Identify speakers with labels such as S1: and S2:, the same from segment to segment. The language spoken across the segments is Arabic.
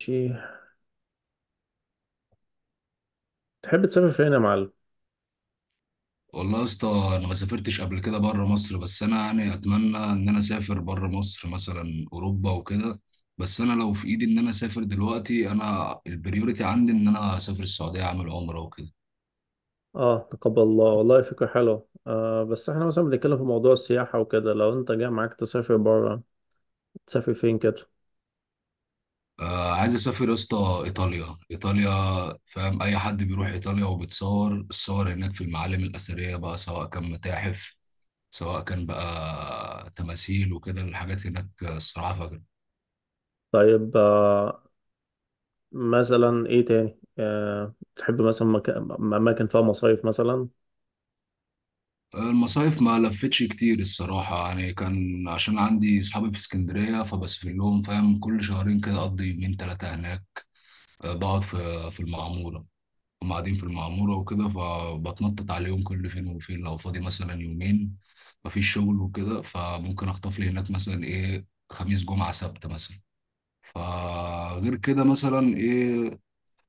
S1: شي، تحب تسافر فين يا معلم؟
S2: والله يا اسطى، انا ما سافرتش قبل كده بره مصر، بس انا يعني اتمنى ان انا اسافر بره مصر مثلا اوروبا وكده. بس انا لو في ايدي ان انا اسافر دلوقتي، انا البريوريتي عندي ان انا اسافر السعوديه اعمل عمره وكده.
S1: اه، تقبل الله والله فكرة حلوة. بس احنا مثلا بنتكلم في موضوع السياحة وكده. لو انت جاي معاك تسافر برا، تسافر فين كده؟
S2: آه، عايز اسافر يا اسطى ايطاليا، ايطاليا فاهم. اي حد بيروح ايطاليا وبيتصور الصور هناك في المعالم الاثريه بقى، سواء كان متاحف، سواء كان بقى تماثيل وكده الحاجات هناك الصراحه.
S1: طيب، آه، مثلا ايه تاني؟ آه، تحب مثلا أماكن فيها مصايف مثلا؟
S2: المصايف ما لفتش كتير الصراحة، يعني كان عشان عندي صحابي في اسكندرية فبسافر لهم فاهم، كل شهرين كده أقضي يومين تلاتة هناك. أه، بقعد في المعمورة. هم قاعدين في المعمورة وكده، فبتنطط عليهم كل فين وفين لو فاضي مثلا يومين مفيش شغل وكده، فممكن أخطف لي هناك مثلا إيه خميس جمعة سبت مثلا. فغير كده مثلا إيه،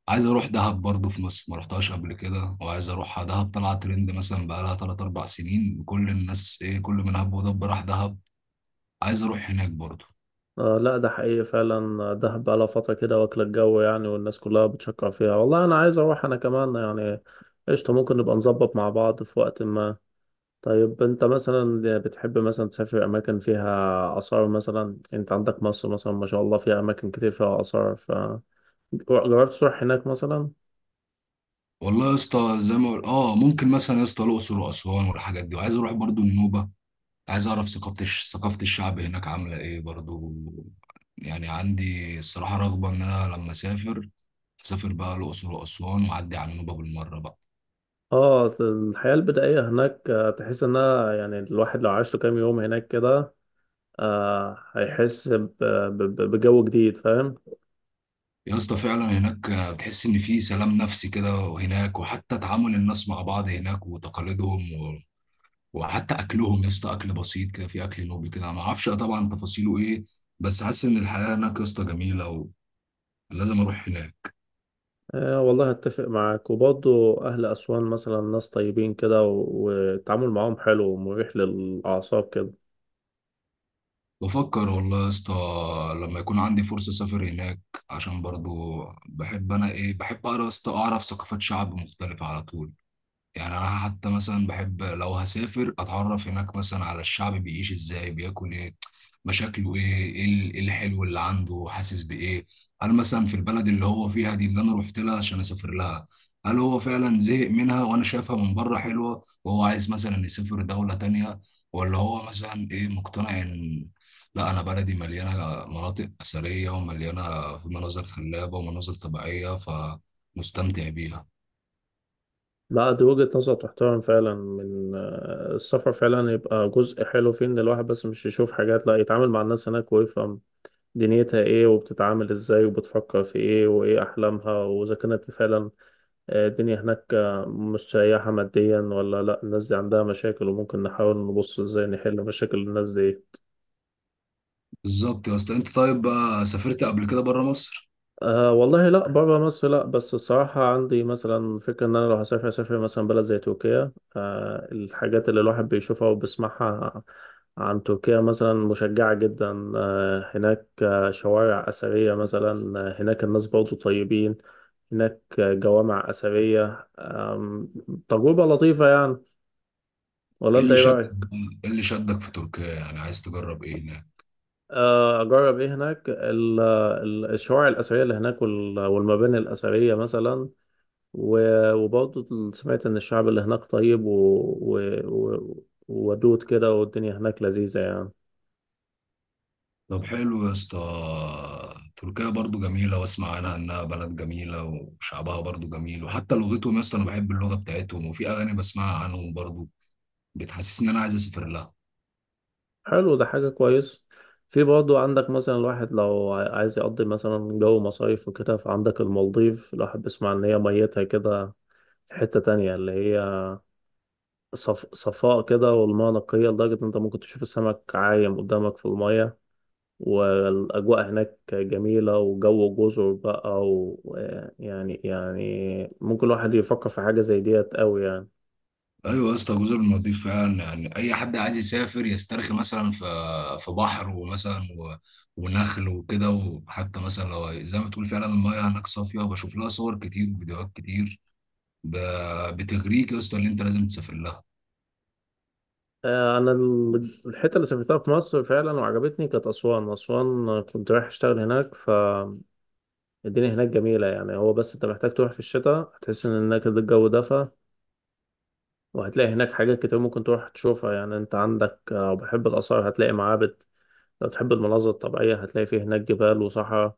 S2: عايز اروح دهب برضه في مصر، ما رحتهاش قبل كده وعايز اروحها. دهب طلعت ترند مثلا بقالها 3 4 سنين، كل الناس ايه، كل من هب ودب راح دهب. عايز اروح هناك برضه.
S1: آه لا، ده حقيقي فعلا. دهب بقالها فترة كده واكلة الجو يعني، والناس كلها بتشكر فيها. والله أنا عايز أروح أنا كمان يعني. قشطة، ممكن نبقى نظبط مع بعض في وقت ما. طيب، انت مثلا بتحب مثلا تسافر اماكن فيها اثار مثلا؟ انت عندك مصر مثلا، ما شاء الله، فيها اماكن كتير فيها اثار. فجربت تروح هناك مثلا؟
S2: والله يا اسطى زي ما ممكن مثلا يا اسطى الاقصر واسوان والحاجات دي، وعايز اروح برضه النوبه. عايز اعرف ثقافه الشعب هناك عامله ايه برضه. يعني عندي الصراحه رغبه ان انا لما اسافر، اسافر بقى الاقصر واسوان واعدي على النوبه بالمره بقى.
S1: اه الحياة البدائية هناك. تحس انها يعني الواحد لو عاش له كام يوم هناك كده هيحس بجو جديد، فاهم؟
S2: يا اسطى فعلا هناك بتحس ان في سلام نفسي كده، وهناك وحتى تعامل الناس مع بعض هناك وتقاليدهم، و... وحتى اكلهم يا اسطى، اكل بسيط كده في اكل نوبي كده، ما اعرفش طبعا تفاصيله ايه، بس حاسس ان الحياه هناك يا اسطى جميله، ولازم اروح هناك.
S1: آه والله اتفق معاك. وبرضه اهل اسوان مثلا ناس طيبين كده، والتعامل معاهم حلو ومريح للاعصاب كده.
S2: بفكر والله يا اسطى لما يكون عندي فرصه اسافر هناك، عشان برضو بحب انا ايه، بحب اقرا يا اسطى، اعرف ثقافات شعب مختلفه على طول. يعني انا حتى مثلا بحب لو هسافر اتعرف هناك مثلا على الشعب، بيعيش ازاي، بياكل ايه، مشاكله ايه، إيه الحلو اللي عنده، حاسس بايه. هل مثلا في البلد اللي هو فيها دي اللي انا رحت لها عشان اسافر لها، هل هو فعلا زهق منها وانا شايفها من بره حلوة، وهو عايز مثلا يسافر دولة تانية، ولا هو مثلا ايه مقتنع ان لا، انا بلدي مليانة مناطق أثرية ومليانة في مناظر خلابة ومناظر طبيعية، فمستمتع بيها.
S1: لا، دي وجهة نظر تحترم فعلا. من آه، السفر فعلا يبقى جزء حلو فيه، ان الواحد بس مش يشوف حاجات، لا، يتعامل مع الناس هناك ويفهم دنيتها ايه، وبتتعامل ازاي، وبتفكر في ايه، وايه احلامها، واذا كانت فعلا الدنيا هناك مستريحة ماديا ولا لا. الناس دي عندها مشاكل، وممكن نحاول نبص ازاي نحل مشاكل الناس دي.
S2: بالظبط يا اسطى. انت طيب بقى سافرت قبل كده بره مصر؟
S1: أه والله لا، بره مصر لا. بس الصراحة عندي مثلا فكرة إن أنا لو هسافر أسافر مثلا بلد زي تركيا. أه، الحاجات اللي الواحد بيشوفها وبيسمعها عن تركيا مثلا مشجعة جدا. أه هناك، آه، شوارع أثرية مثلا، آه، هناك الناس برضو طيبين هناك، آه، جوامع أثرية، تجربة لطيفة يعني. ولا
S2: ايه
S1: أنت
S2: اللي
S1: إيه
S2: شدك،
S1: رأيك؟
S2: ايه اللي شدك في تركيا يعني، عايز تجرب ايه هناك؟
S1: آه، أجرب إيه هناك؟ الشوارع الأثرية اللي هناك، والمباني الأثرية مثلا، وبرضه سمعت إن الشعب اللي هناك طيب وودود كده، والدنيا هناك لذيذة يعني.
S2: طب حلو يا اسطى، تركيا برضو جميله، واسمع عنها انها بلد جميله وشعبها برضو جميل، وحتى لغتهم يا اسطى، انا بحب اللغه بتاعتهم، وفي اغاني بسمعها عنهم برضو بتحسسني ان انا عايز اسافر لها.
S1: حلو، ده حاجة كويس. في برضه عندك مثلا الواحد لو عايز يقضي مثلا جو مصايف وكده، فعندك المالديف. الواحد بيسمع إن هي ميتها كده في حتة تانية، اللي هي صفاء كده، والمياه نقية لدرجة إن أنت ممكن تشوف السمك عايم قدامك في المية. والأجواء هناك جميلة وجو جزر بقى، ويعني ممكن الواحد يفكر في حاجة زي ديت أوي يعني.
S2: ايوه يا اسطى، جزر المالديف فعلا، يعني اي حد عايز يسافر يسترخي مثلا في في بحر ومثلا، و... ونخل وكده، وحتى مثلا لو زي ما تقول فعلا المايه هناك صافيه، بشوف لها صور كتير وفيديوهات كتير ب... بتغريك يا اسطى اللي انت لازم تسافر لها.
S1: آه، أنا الحتة اللي سافرتها في مصر فعلا وعجبتني كانت أسوان. كنت رايح أشتغل هناك، فالدنيا هناك جميلة يعني. هو بس أنت محتاج تروح في الشتاء، هتحس إن هناك الجو دفى، وهتلاقي هناك حاجات كتير ممكن تروح تشوفها. يعني أنت عندك، آه، لو بتحب الآثار هتلاقي معابد، لو تحب المناظر الطبيعية هتلاقي فيه هناك جبال وصحراء،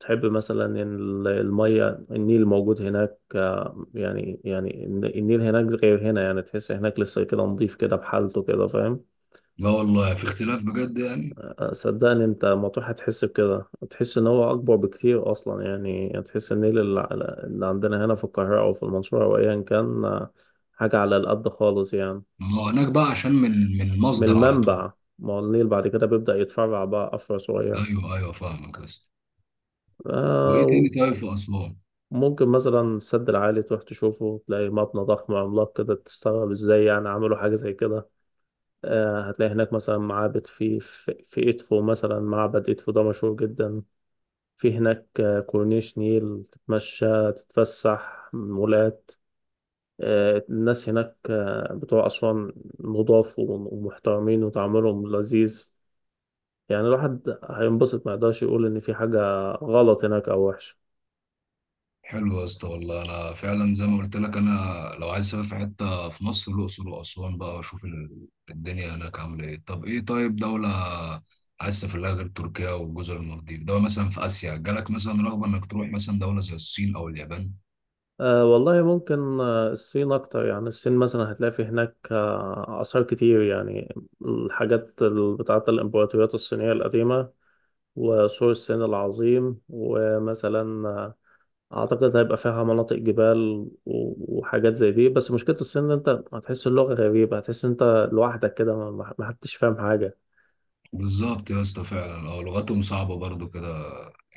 S1: تحب مثلا إن المية النيل موجود هناك. آه، يعني النيل هناك غير هنا يعني، تحس هناك لسه كده نضيف كده بحالته كده، فاهم؟
S2: لا والله في اختلاف بجد يعني.
S1: آه، صدقني انت ما تروح هتحس بكده. تحس ان هو اكبر بكتير اصلا يعني. تحس النيل اللي عندنا هنا في القاهرة او في المنصورة او ايا كان، آه، حاجة على القد خالص يعني.
S2: ما هو هناك بقى عشان من
S1: من
S2: مصدر على طول.
S1: المنبع. ما هو النيل بعد كده بيبدأ يتفرع بقى أفرع صغير.
S2: ايوه ايوه فاهمك يا اسطى. وايه
S1: آه،
S2: تاني طيب في اسوان؟
S1: ممكن مثلا السد العالي تروح تشوفه، تلاقي مبنى ضخم عملاق كده، تستغرب ازاي يعني عملوا حاجة زي كده. آه، هتلاقي هناك مثلا معابد في إدفو مثلا. معبد إدفو ده مشهور جدا. في هناك، آه، كورنيش نيل تتمشى تتفسح، مولات. آه، الناس هناك، آه، بتوع أسوان نضاف ومحترمين، وتعاملهم لذيذ. يعني الواحد هينبسط، ما يقدرش يقول إن في حاجة غلط هناك أو وحشة.
S2: حلو يا اسطى، والله انا فعلا زي ما قلت لك، انا لو عايز اسافر في حته في مصر، الاقصر واسوان بقى، واشوف الدنيا هناك عامله ايه. طب ايه، طيب دوله عايز تسافر لها غير تركيا وجزر المالديف، دوله مثلا في اسيا، جالك مثلا رغبه انك تروح مثلا دوله زي الصين او اليابان؟
S1: أه والله ممكن، آه، الصين أكتر. يعني الصين مثلا هتلاقي في هناك، آه، آثار كتير يعني، الحاجات بتاعة الإمبراطوريات الصينية القديمة، وسور الصين العظيم، ومثلا، آه، أعتقد هيبقى فيها مناطق جبال وحاجات زي دي. بس مشكلة الصين إن أنت هتحس اللغة غريبة، هتحس إن أنت لوحدك كده، ما حدش فاهم حاجة.
S2: بالظبط يا اسطى فعلا، اه، لغتهم صعبه برضو كده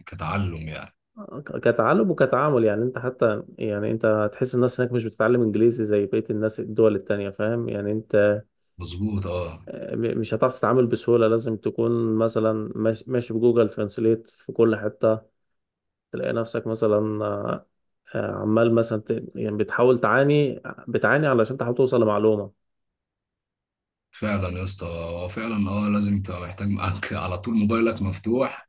S2: كتعلم يعني.
S1: آه، كتعلم وكتعامل. يعني انت حتى يعني انت هتحس الناس هناك مش بتتعلم انجليزي زي بقية الناس الدول التانية، فاهم؟ يعني انت
S2: مظبوط، اه.
S1: مش هتعرف تتعامل بسهولة، لازم تكون مثلا ماشي بجوجل ترانسليت في كل حتة. تلاقي نفسك مثلا، آه، آه، عمال مثلا يعني بتحاول بتعاني علشان تحاول توصل لمعلومة.
S2: فعلا يا اسطى هو فعلا اه لازم تبقى محتاج معاك على طول موبايلك مفتوح،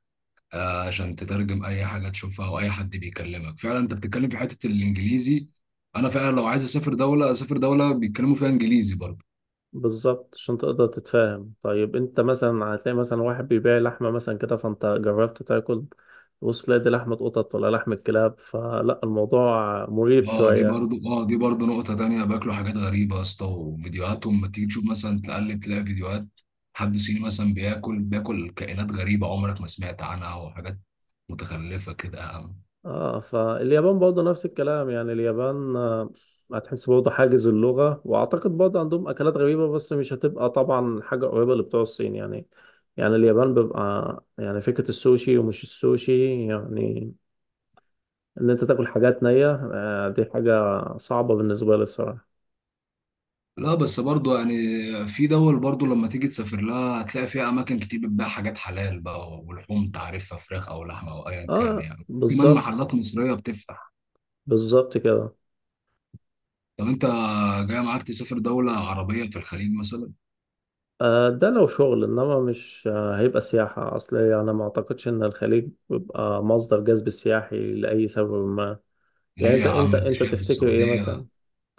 S2: آه، عشان تترجم اي حاجه تشوفها او اي حد بيكلمك. فعلا انت بتتكلم في حته الانجليزي، انا فعلا لو عايز اسافر دوله، اسافر دوله بيتكلموا فيها انجليزي برضه.
S1: بالظبط، عشان تقدر تتفاهم. طيب انت مثلا هتلاقي مثلا واحد بيبيع لحمة مثلا كده، فانت جربت تاكل، وصل تلاقي دي لحمة قطط ولا لحمة كلاب، فلا، الموضوع مريب
S2: اه دي
S1: شوية.
S2: برضه اه دي برضه نقطه تانية، باكلوا حاجات غريبه يا اسطى، وفيديوهاتهم ما تيجي تشوف مثلا تقلب تلاقي فيديوهات حد صيني مثلا بياكل كائنات غريبه عمرك ما سمعت عنها، وحاجات متخلفه كده.
S1: اه، فاليابان برضه نفس الكلام يعني. اليابان، آه، هتحس برضه حاجز اللغة، وأعتقد برضه عندهم أكلات غريبة، بس مش هتبقى طبعا حاجة قريبة لبتوع الصين يعني. يعني اليابان بيبقى يعني فكرة السوشي، ومش السوشي يعني إن أنت تاكل حاجات نية، آه، دي حاجة صعبة بالنسبة لي الصراحة.
S2: لا بس برضو يعني في دول برضو لما تيجي تسافر لها هتلاقي فيها اماكن كتير بتبيع حاجات حلال بقى، ولحوم تعرفها، فراخ او لحمه او ايا كان،
S1: اه،
S2: يعني كمان
S1: بالظبط،
S2: محلات مصريه بتفتح.
S1: بالظبط كده.
S2: طب انت، جاي معاك تسافر دوله عربيه في الخليج مثلا؟
S1: آه، ده لو شغل، انما مش، آه، هيبقى سياحة اصل. يعني ما اعتقدش ان الخليج بيبقى مصدر جذب سياحي لأي سبب ما. يعني
S2: ليه
S1: انت
S2: يا
S1: انت
S2: عم، انت
S1: انت
S2: شايف
S1: تفتكر ايه مثلا؟
S2: السعوديه،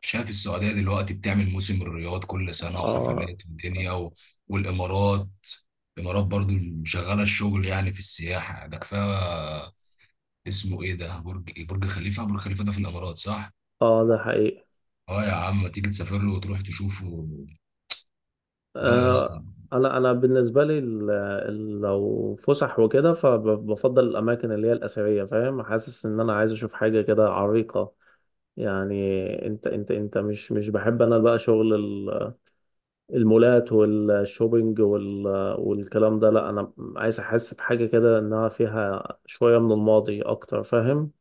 S2: دلوقتي بتعمل موسم الرياض كل سنه،
S1: اه،
S2: وحفلات ودنيا، و... والامارات، الامارات برضو شغاله الشغل يعني في السياحه ده كفايه. اسمه ايه ده، برج خليفه، برج خليفه ده في الامارات صح؟
S1: اه، ده حقيقي.
S2: اه يا عم، ما تيجي تسافر له وتروح تشوفه. لا يا اسطى،
S1: آه، انا بالنسبه لي، لو فسح وكده، فبفضل الاماكن اللي هي الاثريه، فاهم؟ حاسس ان انا عايز اشوف حاجه كده عريقه يعني. انت مش بحب انا بقى شغل المولات والشوبينج والكلام ده. لا، انا عايز احس بحاجه كده، انها فيها شويه من الماضي اكتر، فاهم؟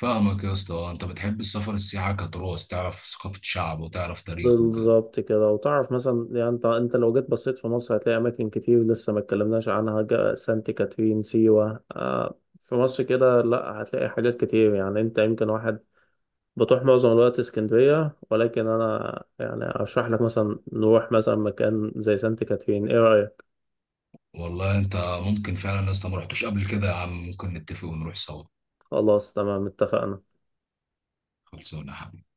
S2: فاهمك يا اسطى. آه، انت بتحب السفر، السياحه كتراث، تعرف ثقافه شعب وتعرف تاريخه وكده.
S1: بالظبط كده. وتعرف مثلا، يعني انت لو جيت بصيت في مصر هتلاقي اماكن كتير لسه ما اتكلمناش عنها. سانت كاترين، سيوة، آه، في مصر كده، لا، هتلاقي حاجات كتير يعني. انت يمكن واحد بتروح معظم الوقت اسكندرية، ولكن انا يعني ارشح لك مثلا نروح مثلا مكان زي سانت كاترين، ايه رأيك؟
S2: والله انت، ممكن فعلا يا اسطى، ما رحتوش قبل كده يا عم، ممكن نتفق ونروح سوا.
S1: خلاص، تمام، اتفقنا.
S2: خلصونا يا حبيبي.